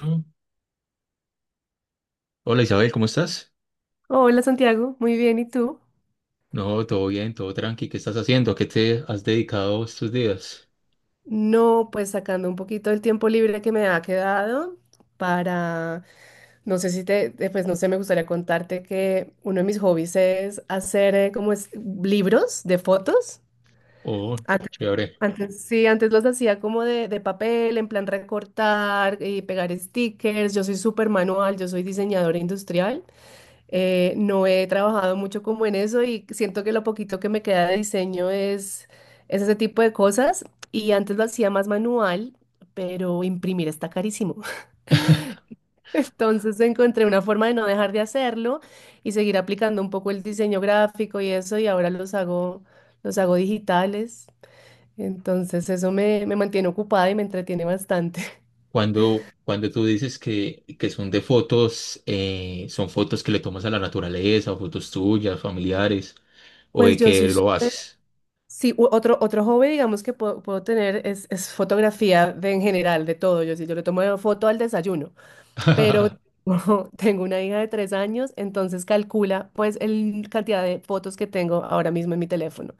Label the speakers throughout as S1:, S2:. S1: Mm. Hola Isabel, ¿cómo estás?
S2: Hola Santiago, muy bien, ¿y tú?
S1: No, todo bien, todo tranqui. ¿Qué estás haciendo? ¿A qué te has dedicado estos días?
S2: No, pues sacando un poquito del tiempo libre que me ha quedado para, no sé si pues no sé, me gustaría contarte que uno de mis hobbies es hacer como es, libros de fotos.
S1: Oh,
S2: Antes,
S1: chévere.
S2: sí, antes los hacía como de papel, en plan recortar y pegar stickers. Yo soy súper manual, yo soy diseñadora industrial. No he trabajado mucho como en eso y siento que lo poquito que me queda de diseño es ese tipo de cosas. Y antes lo hacía más manual, pero imprimir está carísimo. Entonces encontré una forma de no dejar de hacerlo y seguir aplicando un poco el diseño gráfico y eso, y ahora los hago digitales. Entonces eso me mantiene ocupada y me entretiene bastante.
S1: Cuando tú dices que son de fotos, ¿son fotos que le tomas a la naturaleza, o fotos tuyas, familiares, o
S2: Pues
S1: de
S2: yo
S1: que
S2: soy
S1: lo
S2: súper.
S1: haces?
S2: Sí, otro hobby, digamos, que puedo tener es fotografía de, en general, de todo. Yo sí, yo le tomo foto al desayuno, pero tengo una hija de 3 años, entonces calcula pues el cantidad de fotos que tengo ahora mismo en mi teléfono.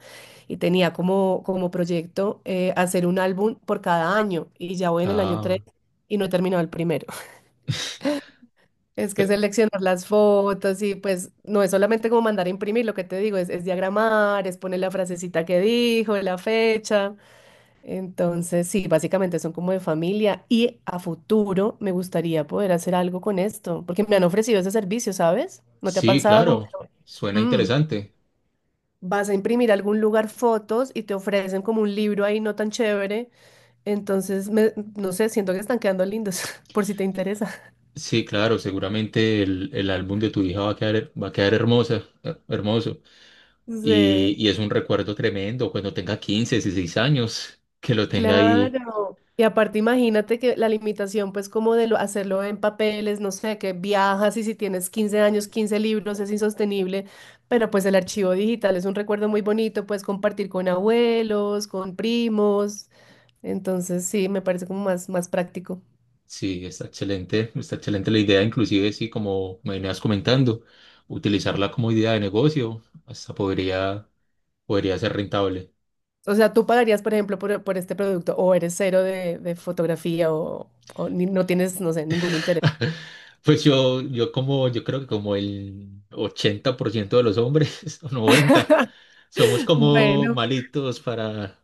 S2: Y tenía como proyecto hacer un álbum por cada año y ya voy en el año 3
S1: Ah,
S2: y no he terminado el primero. Es que
S1: pe-
S2: seleccionar las fotos y pues no es solamente como mandar a imprimir, lo que te digo, es diagramar, es poner la frasecita que dijo, la fecha. Entonces, sí, básicamente son como de familia y a futuro me gustaría poder hacer algo con esto, porque me han ofrecido ese servicio, ¿sabes? ¿No te ha
S1: sí,
S2: pasado como que,
S1: claro, suena
S2: mm,
S1: interesante.
S2: vas a imprimir a algún lugar fotos y te ofrecen como un libro ahí no tan chévere? Entonces, no sé, siento que están quedando lindos, por si te interesa.
S1: Sí, claro, seguramente el álbum de tu hija va a quedar hermosa, hermoso.
S2: Sí.
S1: Y es un recuerdo tremendo cuando tenga 15, 16 años, que lo tenga ahí.
S2: Claro. Y aparte imagínate que la limitación pues como de hacerlo en papeles, no sé, que viajas y si tienes 15 años, 15 libros es insostenible, pero pues el archivo digital es un recuerdo muy bonito, puedes compartir con abuelos, con primos, entonces sí, me parece como más, más práctico.
S1: Sí, está excelente la idea, inclusive, sí, como me venías comentando, utilizarla como idea de negocio, hasta podría, podría ser rentable.
S2: O sea, tú pagarías, por ejemplo, por este producto o eres cero de fotografía o no tienes, no sé, ningún interés.
S1: Pues yo como, yo creo que como el 80% de los hombres, o 90 somos como
S2: Bueno,
S1: malitos para...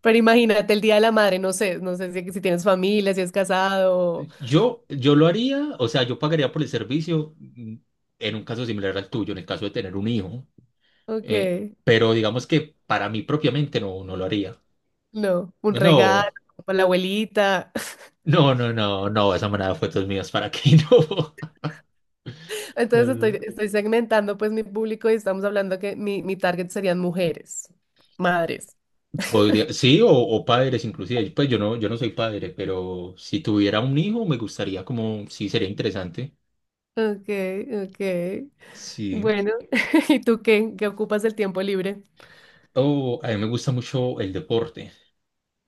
S2: pero imagínate el Día de la Madre, no sé si tienes familia, si es casado.
S1: Yo lo haría, o sea, yo pagaría por el servicio en un caso similar al tuyo, en el caso de tener un hijo,
S2: Ok,
S1: eh, pero digamos que para mí propiamente no, no lo haría.
S2: no, un regalo
S1: No,
S2: para la abuelita.
S1: no, no, no, no, esa manada de fotos mías, ¿para qué no?
S2: Entonces
S1: No, no.
S2: estoy segmentando pues mi público y estamos hablando que mi target serían mujeres, madres.
S1: Podría, sí, o padres inclusive, pues yo no, yo no soy padre, pero si tuviera un hijo me gustaría como, sí, sería interesante,
S2: Ok, ok.
S1: sí.
S2: Bueno, ¿y tú qué? ¿Qué ocupas el tiempo libre?
S1: O a mí me gusta mucho el deporte.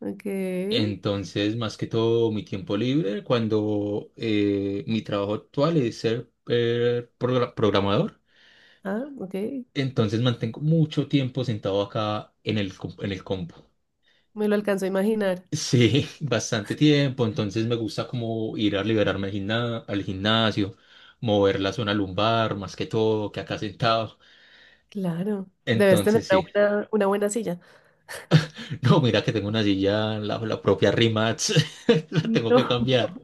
S2: Ok,
S1: Entonces, más que todo, mi tiempo libre, cuando mi trabajo actual es ser programador,
S2: ah, ok.
S1: entonces mantengo mucho tiempo sentado acá en en el compu.
S2: Me lo alcanzo a imaginar.
S1: Sí, bastante tiempo, entonces me gusta como ir a liberarme al al gimnasio, mover la zona lumbar, más que todo, que acá sentado.
S2: Claro, debes tener
S1: Entonces,
S2: una
S1: sí.
S2: buena, una buena silla.
S1: No, mira que tengo una silla, la propia Rimax, la tengo que
S2: No,
S1: cambiar.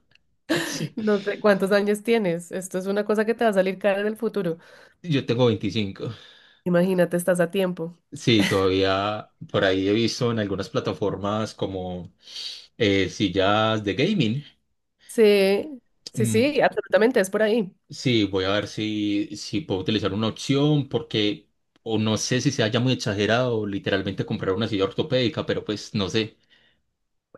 S1: Sí,
S2: no sé cuántos años tienes. Esto es una cosa que te va a salir cara en el futuro.
S1: yo tengo 25.
S2: Imagínate, estás a tiempo.
S1: Sí, todavía por ahí he visto en algunas plataformas como sillas de gaming.
S2: Sí, sí,
S1: Mm,
S2: sí, absolutamente, es por ahí.
S1: sí, voy a ver si, si puedo utilizar una opción porque o no sé si sea ya muy exagerado literalmente comprar una silla ortopédica, pero pues no sé.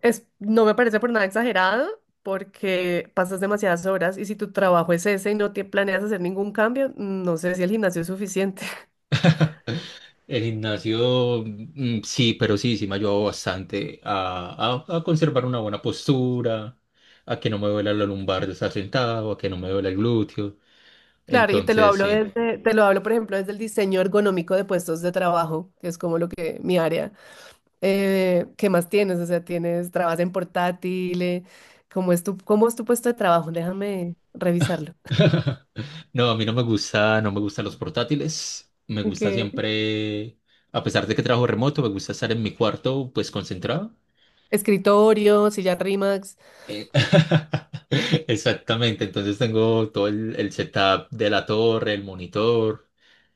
S2: No me parece por nada exagerado porque pasas demasiadas horas y si tu trabajo es ese y no te planeas hacer ningún cambio, no sé si el gimnasio es suficiente.
S1: El gimnasio, mm, sí, pero sí, sí me ha ayudado bastante a conservar una buena postura, a que no me duela la lumbar de estar sentado, a que no me duela el glúteo.
S2: Claro, y te lo
S1: Entonces,
S2: hablo
S1: sí.
S2: desde, te lo hablo, por ejemplo, desde el diseño ergonómico de puestos de trabajo, que es como lo que mi área. ¿Qué más tienes? O sea, trabajas en portátil, ¿cómo es tu puesto de trabajo? Déjame revisarlo.
S1: No, a mí no me gusta, no me gustan los portátiles. Me
S2: Ok.
S1: gusta siempre, a pesar de que trabajo remoto, me gusta estar en mi cuarto, pues concentrado.
S2: Escritorio, silla RIMAX.
S1: Eh, Exactamente, entonces tengo todo el setup de la torre, el monitor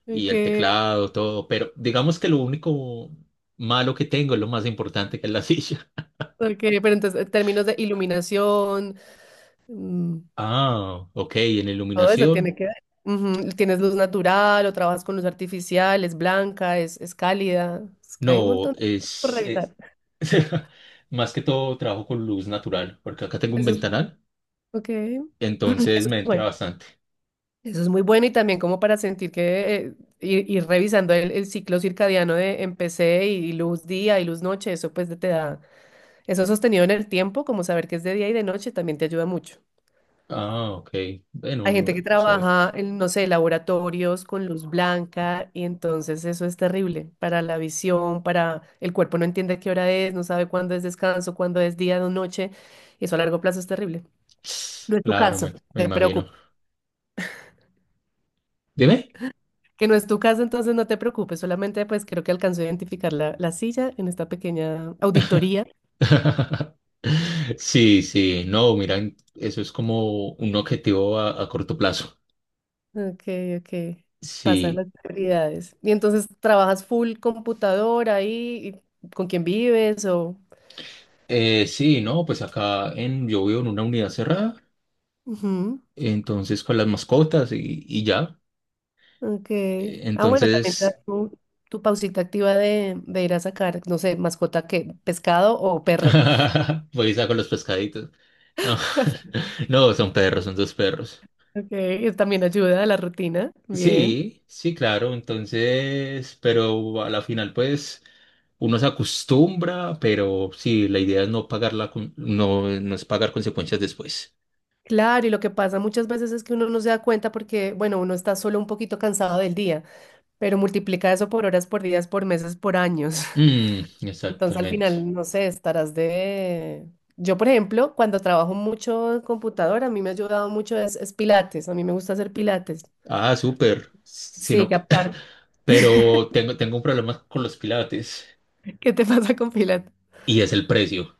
S1: y
S2: Ok.
S1: el teclado, todo, pero digamos que lo único malo que tengo es lo más importante que es la silla.
S2: Ok, pero entonces, en términos de iluminación, mm,
S1: Ah, ok, en
S2: todo eso tiene
S1: iluminación.
S2: que ver. Ujú. ¿Tienes luz natural o trabajas con luz artificial? ¿Es blanca? ¿Es cálida? Es que hay un
S1: No,
S2: montón de cosas por revisar.
S1: más que todo trabajo con luz natural, porque acá tengo un
S2: Eso es.
S1: ventanal,
S2: Ok. Eso es
S1: entonces me
S2: muy
S1: entra
S2: bueno.
S1: bastante.
S2: Eso es muy bueno y también como para sentir que ir revisando el ciclo circadiano de empecé y luz día y luz noche, eso pues te da, eso sostenido en el tiempo, como saber que es de día y de noche, también te ayuda mucho.
S1: Ah, ok. Bueno,
S2: Hay gente
S1: no,
S2: que
S1: sabe.
S2: trabaja en, no sé, laboratorios con luz blanca y entonces eso es terrible para la visión, para el cuerpo no entiende qué hora es, no sabe cuándo es descanso, cuándo es día o noche y eso a largo plazo es terrible. No es tu
S1: Claro,
S2: caso, no
S1: me
S2: te
S1: imagino.
S2: preocupes.
S1: Dime.
S2: Que no es tu caso, entonces no te preocupes, solamente pues creo que alcanzó a identificar la silla en esta pequeña auditoría.
S1: Sí, sí, no, mira, eso es como un objetivo a corto plazo.
S2: Ok, ok. Pasan las
S1: Sí,
S2: prioridades. Y entonces trabajas full computadora ahí, y ¿con quién vives o...?
S1: sí, no, pues acá en, yo vivo en una unidad cerrada,
S2: Ujú.
S1: entonces con las mascotas y ya.
S2: Ok.
S1: Eh,
S2: Ah, bueno, también te das
S1: Entonces,
S2: tu pausita activa de ir a sacar, no sé, mascota que, pescado o perro.
S1: Voy y saco los pescaditos. No, no, son perros, son dos perros.
S2: Ok, eso también ayuda a la rutina. Bien.
S1: Sí, sí, claro, entonces, pero a la final, pues, uno se acostumbra, pero sí, la idea es no pagar la, no, no es pagar consecuencias después.
S2: Claro, y lo que pasa muchas veces es que uno no se da cuenta porque, bueno, uno está solo un poquito cansado del día, pero multiplica eso por horas, por días, por meses, por años.
S1: Mm,
S2: Entonces al
S1: exactamente.
S2: final, no sé, estarás de... Yo, por ejemplo, cuando trabajo mucho en computadora, a mí me ha ayudado mucho es pilates. A mí me gusta hacer pilates.
S1: Ah, súper.
S2: Sí,
S1: Sino
S2: que
S1: que,
S2: aparte,
S1: pero tengo, tengo un problema con los pilates
S2: ¿qué te pasa con Pilates?
S1: y es el precio.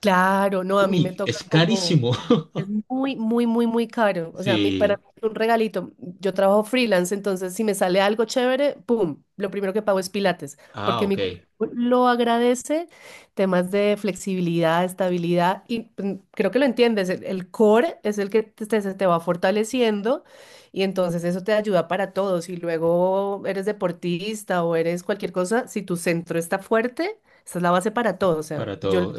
S2: Claro, no, a mí me
S1: Uy,
S2: toca
S1: es
S2: como,
S1: carísimo.
S2: es muy, muy, muy, muy caro. O sea, a mí, para
S1: Sí.
S2: mí es un regalito. Yo trabajo freelance, entonces si me sale algo chévere, ¡pum! Lo primero que pago es Pilates,
S1: Ah,
S2: porque
S1: ok.
S2: mi cuerpo lo agradece, temas de flexibilidad, estabilidad, y pues, creo que lo entiendes, el core es el que se te va fortaleciendo y entonces eso te ayuda para todo. Si luego eres deportista o eres cualquier cosa, si tu centro está fuerte, esa es la base para todo. O sea,
S1: Para
S2: yo...
S1: todo,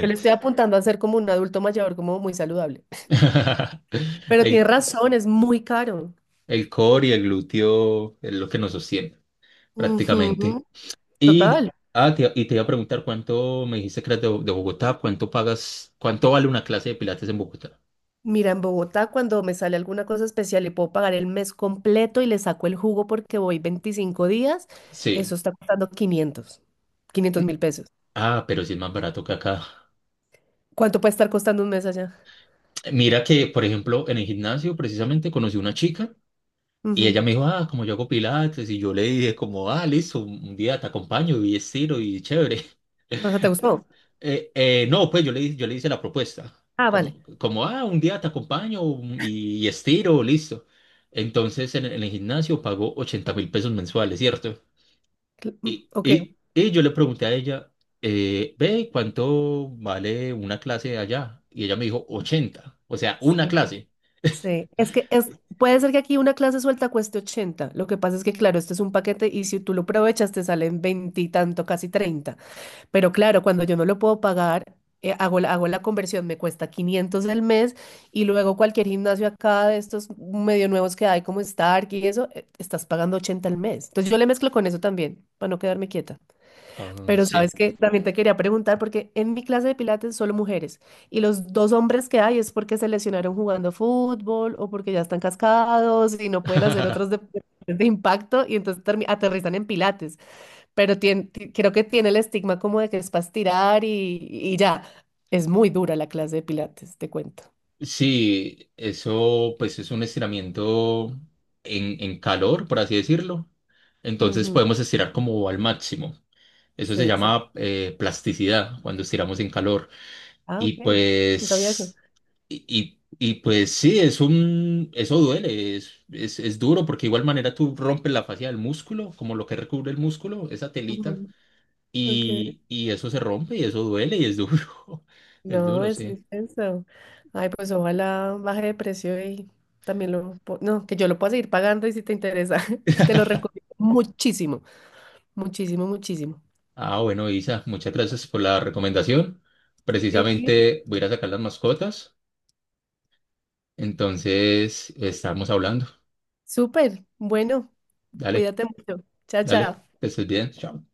S2: Yo le estoy apuntando a ser como un adulto mayor, como muy saludable. Pero
S1: El,
S2: tienes razón, es muy caro.
S1: el core y el glúteo es lo que nos sostiene,
S2: Ujú.
S1: prácticamente. Y,
S2: Total.
S1: ah, y te iba a preguntar, cuánto me dijiste que eras de Bogotá, cuánto pagas, cuánto vale una clase de pilates en Bogotá.
S2: Mira, en Bogotá cuando me sale alguna cosa especial y puedo pagar el mes completo y le saco el jugo porque voy 25 días, eso
S1: Sí.
S2: está costando 500.000 pesos.
S1: Ah, pero sí es más barato que acá.
S2: ¿Cuánto puede estar costando un mes allá?
S1: Mira que, por ejemplo, en el gimnasio precisamente conocí una chica y
S2: Ujú.
S1: ella me dijo, ah, como yo hago pilates, y yo le dije como, ah, listo, un día te acompaño y estiro y chévere.
S2: Ajá, ¿te gustó?
S1: No, pues yo le hice la propuesta,
S2: Ah, vale.
S1: como, como, ah, un día te acompaño y estiro, listo. Entonces en el gimnasio pagó $80.000 mensuales, ¿cierto?
S2: Ok.
S1: Y yo le pregunté a ella, ve, ¿cuánto vale una clase allá? Y ella me dijo, ochenta, o sea, una
S2: Sí.
S1: clase.
S2: Sí, puede ser que aquí una clase suelta cueste 80. Lo que pasa es que, claro, este es un paquete y si tú lo aprovechas te salen 20 y tanto, casi 30. Pero claro, cuando yo no lo puedo pagar, hago la conversión, me cuesta 500 el mes y luego cualquier gimnasio acá de estos medio nuevos que hay como Stark y eso, estás pagando 80 al mes. Entonces yo le mezclo con eso también, para no quedarme quieta.
S1: Ah,
S2: Pero sabes
S1: sí.
S2: que también te quería preguntar, porque en mi clase de pilates solo mujeres, y los dos hombres que hay es porque se lesionaron jugando fútbol o porque ya están cascados y no pueden hacer otros deportes de impacto y entonces aterrizan en pilates. Pero creo que tiene el estigma como de que es para estirar y ya. Es muy dura la clase de pilates, te cuento.
S1: Sí, eso pues es un estiramiento en calor, por así decirlo. Entonces
S2: Ujú,
S1: podemos estirar como al máximo. Eso
S2: sí,
S1: se
S2: exacto.
S1: llama plasticidad cuando estiramos en calor.
S2: Ah,
S1: Y
S2: ok. No sabía eso.
S1: pues, pues sí, es un, eso duele, es duro porque de igual manera tú rompes la fascia del músculo, como lo que recubre el músculo, esa telita,
S2: Ujú, ok.
S1: y eso se rompe y eso duele y es duro. Es
S2: No,
S1: duro,
S2: es
S1: sí.
S2: intenso. Ay, pues ojalá baje de precio y No, que yo lo pueda seguir pagando y si te interesa, te lo recomiendo muchísimo, muchísimo, muchísimo.
S1: Ah, bueno, Isa, muchas gracias por la recomendación.
S2: Sí.
S1: Precisamente voy a ir a sacar las mascotas, entonces estamos hablando.
S2: Súper, bueno,
S1: Dale,
S2: cuídate mucho. Chao,
S1: dale,
S2: chao.
S1: que estés bien. Chao.